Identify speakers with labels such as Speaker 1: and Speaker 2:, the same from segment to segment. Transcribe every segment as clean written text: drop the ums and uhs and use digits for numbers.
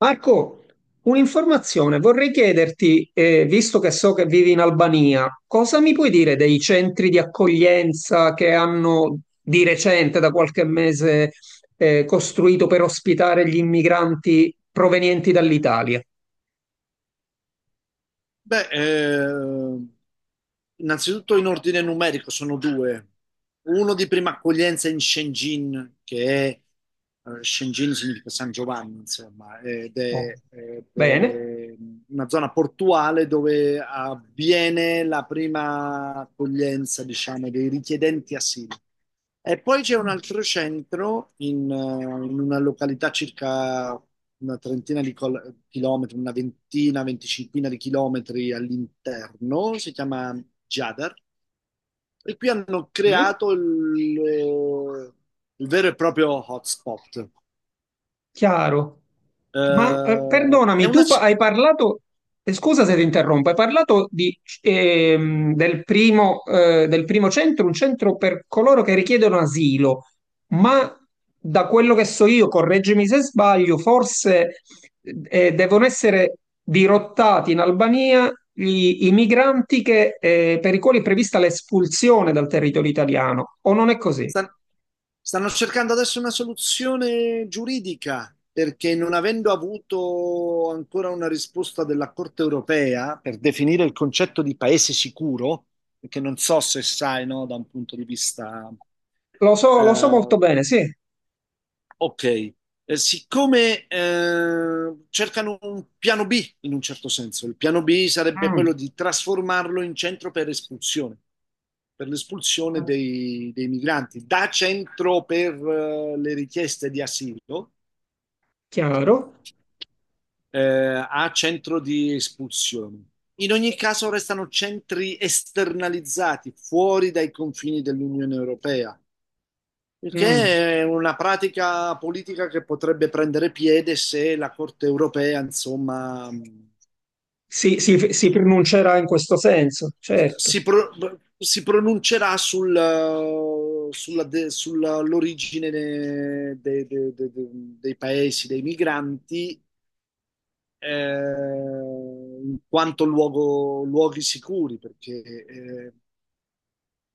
Speaker 1: Marco, un'informazione, vorrei chiederti, visto che so che vivi in Albania, cosa mi puoi dire dei centri di accoglienza che hanno di recente, da qualche mese, costruito per ospitare gli immigranti provenienti dall'Italia?
Speaker 2: Beh, innanzitutto in ordine numerico sono due. Uno di prima accoglienza in Shenzhen, che Shenzhen significa San Giovanni, insomma, ed
Speaker 1: Oh,
Speaker 2: è, ed
Speaker 1: bene.
Speaker 2: è una zona portuale dove avviene la prima accoglienza, diciamo, dei richiedenti asilo. E poi c'è un
Speaker 1: Ah,
Speaker 2: altro centro in una località circa una trentina chilometri, una ventina, venticinquina di chilometri all'interno, si chiama Jadar, e qui hanno
Speaker 1: sì.
Speaker 2: creato eh, il vero e proprio hotspot.
Speaker 1: Chiaro.
Speaker 2: Eh, è
Speaker 1: Perdonami,
Speaker 2: una,
Speaker 1: hai parlato, scusa se ti interrompo, hai parlato di del primo centro, un centro per coloro che richiedono asilo, ma da quello che so io, correggimi se sbaglio, forse devono essere dirottati in Albania i migranti che, per i quali è prevista l'espulsione dal territorio italiano, o non è così?
Speaker 2: Stan- stanno cercando adesso una soluzione giuridica perché, non avendo avuto ancora una risposta della Corte europea per definire il concetto di paese sicuro, che non so se sai, no, da un punto di vista,
Speaker 1: Lo so molto
Speaker 2: eh,
Speaker 1: bene, sì.
Speaker 2: ok. Siccome cercano un piano B, in un certo senso, il piano B sarebbe quello di trasformarlo in centro per espulsione, per l'espulsione
Speaker 1: Mm.
Speaker 2: dei migranti, da centro per le richieste di asilo
Speaker 1: Chiaro?
Speaker 2: eh, a centro di espulsione. In ogni caso restano centri esternalizzati, fuori dai confini dell'Unione Europea. Il
Speaker 1: Mm.
Speaker 2: che è una pratica politica che potrebbe prendere piede se la Corte europea, insomma,
Speaker 1: Si, si pronuncerà in questo senso, certo,
Speaker 2: si, pro- si pronuncerà sulla sull'origine, dei paesi, dei migranti, eh, in quanto luoghi sicuri, perché,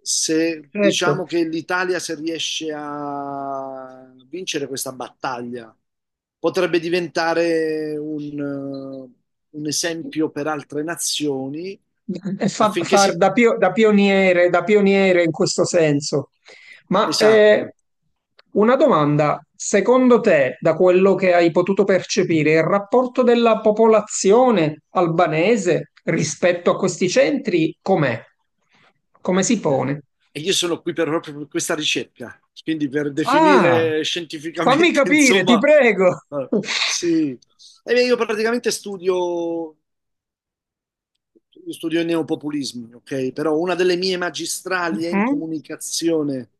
Speaker 2: se
Speaker 1: certo.
Speaker 2: diciamo che l'Italia, se riesce a vincere questa battaglia, potrebbe diventare un esempio per altre nazioni
Speaker 1: E
Speaker 2: affinché
Speaker 1: far
Speaker 2: si...
Speaker 1: da, da pioniere in questo senso. Ma
Speaker 2: Esatto.
Speaker 1: eh, una domanda, secondo te, da quello che hai potuto percepire, il rapporto della popolazione albanese rispetto a questi centri com'è? Come si pone?
Speaker 2: E io sono qui per, proprio per questa ricerca, quindi per
Speaker 1: Ah,
Speaker 2: definire
Speaker 1: fammi
Speaker 2: scientificamente,
Speaker 1: capire, ti
Speaker 2: insomma,
Speaker 1: prego.
Speaker 2: eh, sì. E io praticamente studio io studio i neopopulismi, ok? Però una delle mie magistrali è in
Speaker 1: Mhm.
Speaker 2: comunicazione,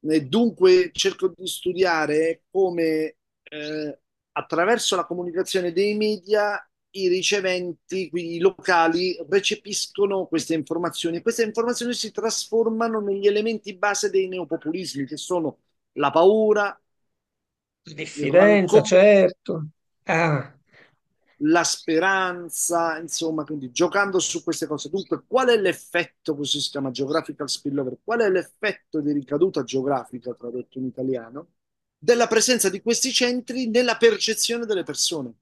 Speaker 2: e dunque cerco di studiare come, eh, attraverso la comunicazione dei media, i riceventi, quindi i locali, recepiscono queste informazioni, e queste informazioni si trasformano negli elementi base dei neopopulismi, che sono la paura, il
Speaker 1: Diffidenza,
Speaker 2: rancore,
Speaker 1: certo. Ah,
Speaker 2: la speranza, insomma, quindi giocando su queste cose. Dunque, qual è l'effetto, questo si chiama geographical spillover, qual è l'effetto di ricaduta geografica, tradotto in italiano, della presenza di questi centri nella percezione delle persone?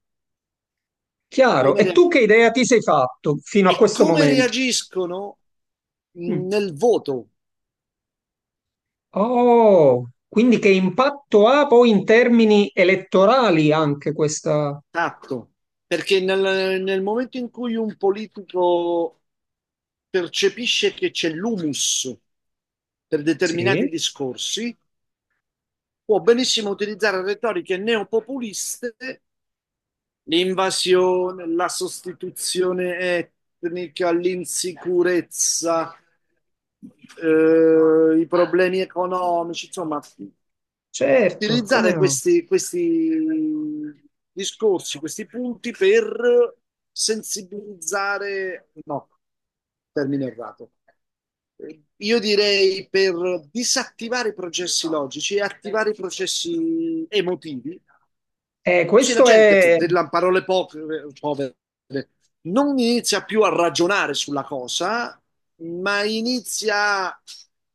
Speaker 1: chiaro.
Speaker 2: Come
Speaker 1: E tu che idea
Speaker 2: reagiscono?
Speaker 1: ti sei fatto fino a
Speaker 2: E
Speaker 1: questo
Speaker 2: come
Speaker 1: momento?
Speaker 2: reagiscono
Speaker 1: Mm.
Speaker 2: nel voto,
Speaker 1: Oh, quindi che impatto ha poi in termini elettorali anche questa...
Speaker 2: tatto? Perché nel momento in cui un politico percepisce che c'è l'humus per determinati
Speaker 1: Sì,
Speaker 2: discorsi, può benissimo utilizzare retoriche neopopuliste: l'invasione, la sostituzione etnica, l'insicurezza, i problemi economici, insomma,
Speaker 1: certo, come
Speaker 2: utilizzare
Speaker 1: no?
Speaker 2: questi discorsi, questi punti per sensibilizzare, no, termine errato. Io direi per disattivare i processi logici e attivare i processi emotivi, così la
Speaker 1: Questo
Speaker 2: gente, per
Speaker 1: è...
Speaker 2: delle parole povere, povere, non inizia più a ragionare sulla cosa, ma inizia a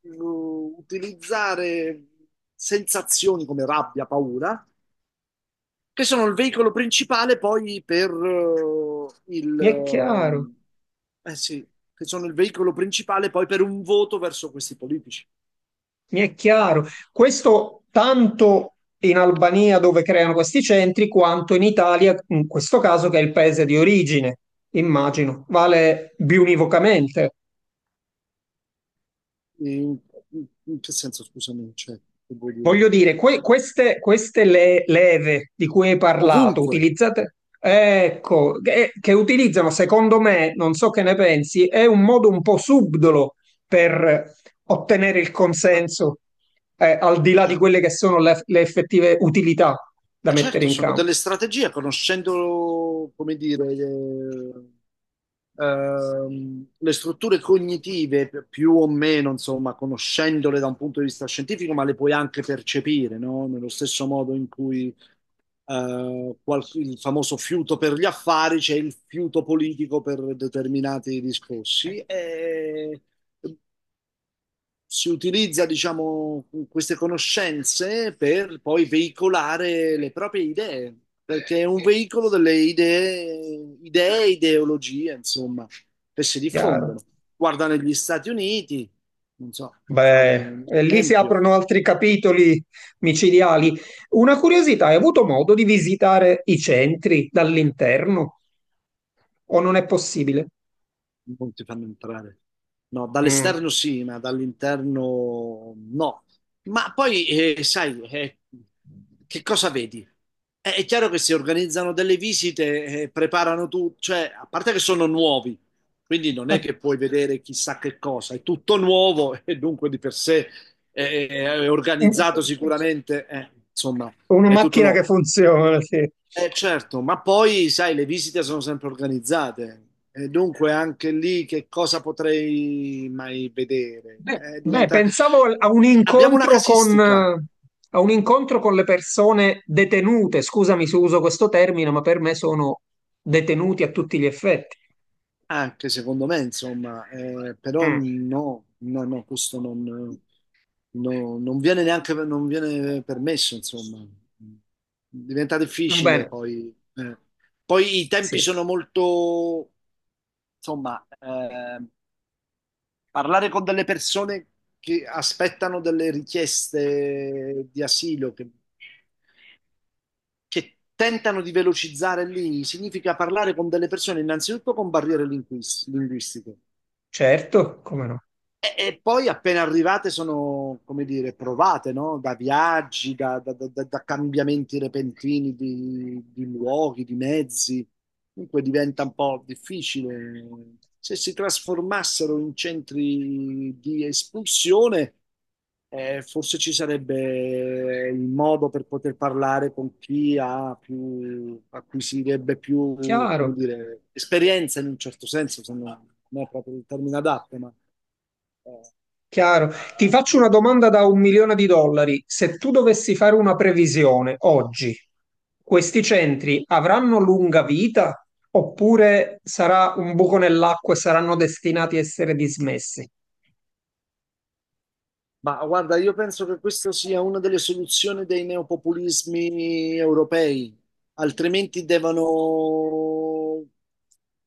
Speaker 2: utilizzare sensazioni come rabbia, paura, che sono il veicolo principale poi per il...
Speaker 1: mi è chiaro.
Speaker 2: ehm, eh sì, che sono il veicolo principale poi per un voto verso questi politici.
Speaker 1: Mi è chiaro. Questo tanto in Albania dove creano questi centri, quanto in Italia, in questo caso che è il paese di origine, immagino, vale biunivocamente.
Speaker 2: In, in che senso, scusami, cioè, che vuol dire?
Speaker 1: Voglio dire, queste, queste leve di cui hai parlato,
Speaker 2: Ovunque.
Speaker 1: utilizzate, ecco, che utilizzano, secondo me, non so che ne pensi, è un modo un po' subdolo per ottenere il
Speaker 2: Ah,
Speaker 1: consenso, al di là di
Speaker 2: certo.
Speaker 1: quelle che sono le effettive utilità da mettere
Speaker 2: Certo,
Speaker 1: in
Speaker 2: sono
Speaker 1: campo.
Speaker 2: delle strategie, conoscendo, come dire, le strutture cognitive, più o meno, insomma, conoscendole da un punto di vista scientifico, ma le puoi anche percepire, no? Nello stesso modo in cui, il famoso fiuto per gli affari, c'è il fiuto politico per determinati discorsi. E si utilizza, diciamo, queste conoscenze per poi veicolare le proprie idee, perché è un veicolo delle idee, ideologie, insomma, che si diffondono.
Speaker 1: Chiaro.
Speaker 2: Guarda negli Stati Uniti, non so, per fare
Speaker 1: Beh,
Speaker 2: un
Speaker 1: e lì si
Speaker 2: esempio.
Speaker 1: aprono altri capitoli micidiali. Una curiosità, hai avuto modo di visitare i centri dall'interno o non è possibile?
Speaker 2: Non ti fanno entrare. No,
Speaker 1: Mm.
Speaker 2: dall'esterno sì, ma dall'interno no. Ma poi, sai, che cosa vedi? È chiaro che si organizzano delle visite, preparano tutto, cioè, a parte che sono nuovi, quindi non è che puoi vedere chissà che cosa, è tutto nuovo e dunque di per sé è organizzato sicuramente, insomma,
Speaker 1: Una
Speaker 2: è tutto
Speaker 1: macchina che
Speaker 2: nuovo.
Speaker 1: funziona, sì.
Speaker 2: Certo, ma poi sai, le visite sono sempre organizzate, e dunque anche lì che cosa potrei mai vedere?
Speaker 1: Beh, beh,
Speaker 2: Diventa...
Speaker 1: pensavo a un
Speaker 2: Abbiamo una
Speaker 1: incontro con,
Speaker 2: casistica,
Speaker 1: a un incontro con le persone detenute. Scusami se uso questo termine, ma per me sono detenuti a tutti gli effetti.
Speaker 2: anche secondo me, insomma, però
Speaker 1: Mm.
Speaker 2: no, no, no, questo non, no, non viene permesso, insomma. Diventa
Speaker 1: Va
Speaker 2: difficile
Speaker 1: bene.
Speaker 2: poi. Poi i tempi
Speaker 1: Sì,
Speaker 2: sono molto, insomma, parlare con delle persone che aspettano delle richieste di asilo, che tentano di velocizzare lì, significa parlare con delle persone innanzitutto con barriere linguistiche.
Speaker 1: certo, come no?
Speaker 2: E poi appena arrivate sono, come dire, provate, no? Da viaggi, da cambiamenti repentini di luoghi, di mezzi. Dunque diventa un po' difficile. Se si trasformassero in centri di espulsione, forse ci sarebbe il modo per poter parlare con chi ha più, acquisirebbe più, come
Speaker 1: Chiaro,
Speaker 2: dire, esperienza, in un certo senso, se non, non è proprio il termine adatto, ma eh, a-
Speaker 1: chiaro. Ti
Speaker 2: a-
Speaker 1: faccio una domanda da 1 milione di dollari. Se tu dovessi fare una previsione oggi, questi centri avranno lunga vita oppure sarà un buco nell'acqua e saranno destinati a essere dismessi?
Speaker 2: ma guarda, io penso che questa sia una delle soluzioni dei neopopulismi europei, altrimenti devono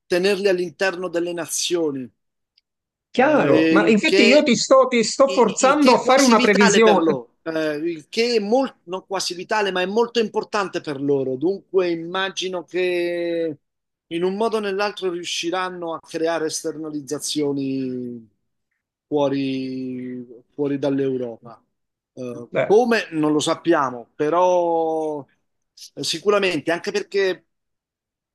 Speaker 2: tenerli all'interno delle nazioni.
Speaker 1: Chiaro,
Speaker 2: eh,
Speaker 1: ma
Speaker 2: il
Speaker 1: infatti io
Speaker 2: che,
Speaker 1: ti sto
Speaker 2: il
Speaker 1: forzando
Speaker 2: che
Speaker 1: a
Speaker 2: è
Speaker 1: fare
Speaker 2: quasi
Speaker 1: una
Speaker 2: vitale per
Speaker 1: previsione.
Speaker 2: loro, il che è molto, non quasi vitale, ma è molto importante per loro. Dunque immagino che in un modo o nell'altro riusciranno a creare esternalizzazioni fuori, fuori dall'Europa.
Speaker 1: Beh,
Speaker 2: Come non lo sappiamo, però sicuramente, anche perché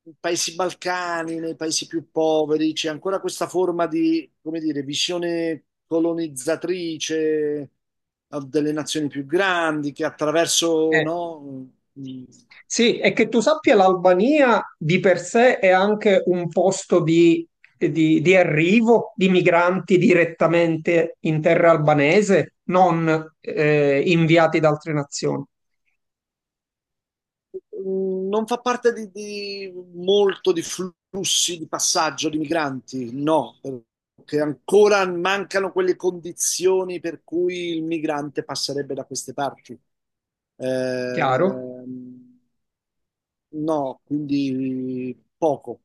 Speaker 2: nei paesi balcani, nei paesi più poveri, c'è ancora questa forma di, come dire, visione colonizzatrice delle nazioni più grandi che attraverso,
Speaker 1: eh,
Speaker 2: no, mm,
Speaker 1: sì, e che tu sappia, l'Albania di per sé è anche un posto di, di arrivo di migranti direttamente in terra albanese, non inviati da altre nazioni.
Speaker 2: non fa parte di, molto di flussi di passaggio di migranti, no, perché ancora mancano quelle condizioni per cui il migrante passerebbe da queste parti.
Speaker 1: Chiaro?
Speaker 2: Ehm, No, quindi poco,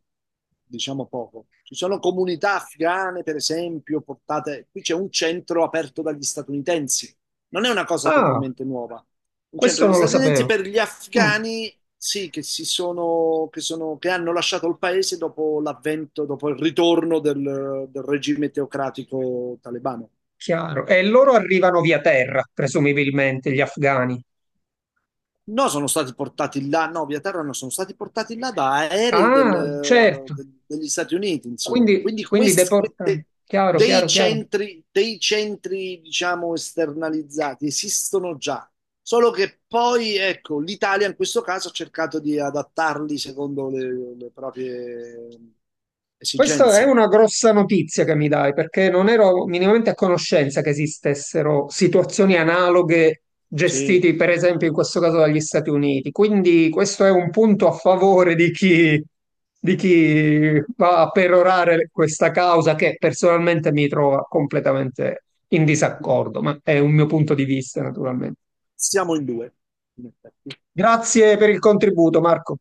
Speaker 2: diciamo poco. Ci sono comunità afghane, per esempio, portate... Qui c'è un centro aperto dagli statunitensi. Non è una cosa
Speaker 1: Ah,
Speaker 2: totalmente nuova. Un centro
Speaker 1: questo
Speaker 2: degli
Speaker 1: non lo
Speaker 2: statunitensi
Speaker 1: sapevo.
Speaker 2: per gli
Speaker 1: Mm,
Speaker 2: afghani, sì, che si sono... che hanno lasciato il paese dopo l'avvento, dopo il ritorno del regime teocratico talebano.
Speaker 1: chiaro. E loro arrivano via terra, presumibilmente, gli afghani.
Speaker 2: No, sono stati portati là, no, via terra no, sono stati portati là da aerei
Speaker 1: Ah, certo.
Speaker 2: degli Stati Uniti, insomma.
Speaker 1: Quindi,
Speaker 2: Quindi
Speaker 1: quindi deportati. Chiaro, chiaro, chiaro.
Speaker 2: dei centri, diciamo, esternalizzati esistono già, solo che poi, ecco, l'Italia in questo caso ha cercato di adattarli secondo le proprie
Speaker 1: Questa è
Speaker 2: esigenze.
Speaker 1: una grossa notizia che mi dai, perché non ero minimamente a conoscenza che esistessero situazioni analoghe
Speaker 2: Sì,
Speaker 1: gestite, per esempio, in questo caso dagli Stati Uniti. Quindi questo è un punto a favore di chi va a perorare questa causa che personalmente mi trova completamente in disaccordo, ma è un mio punto di vista, naturalmente.
Speaker 2: siamo in due, in effetti.
Speaker 1: Grazie per il contributo, Marco.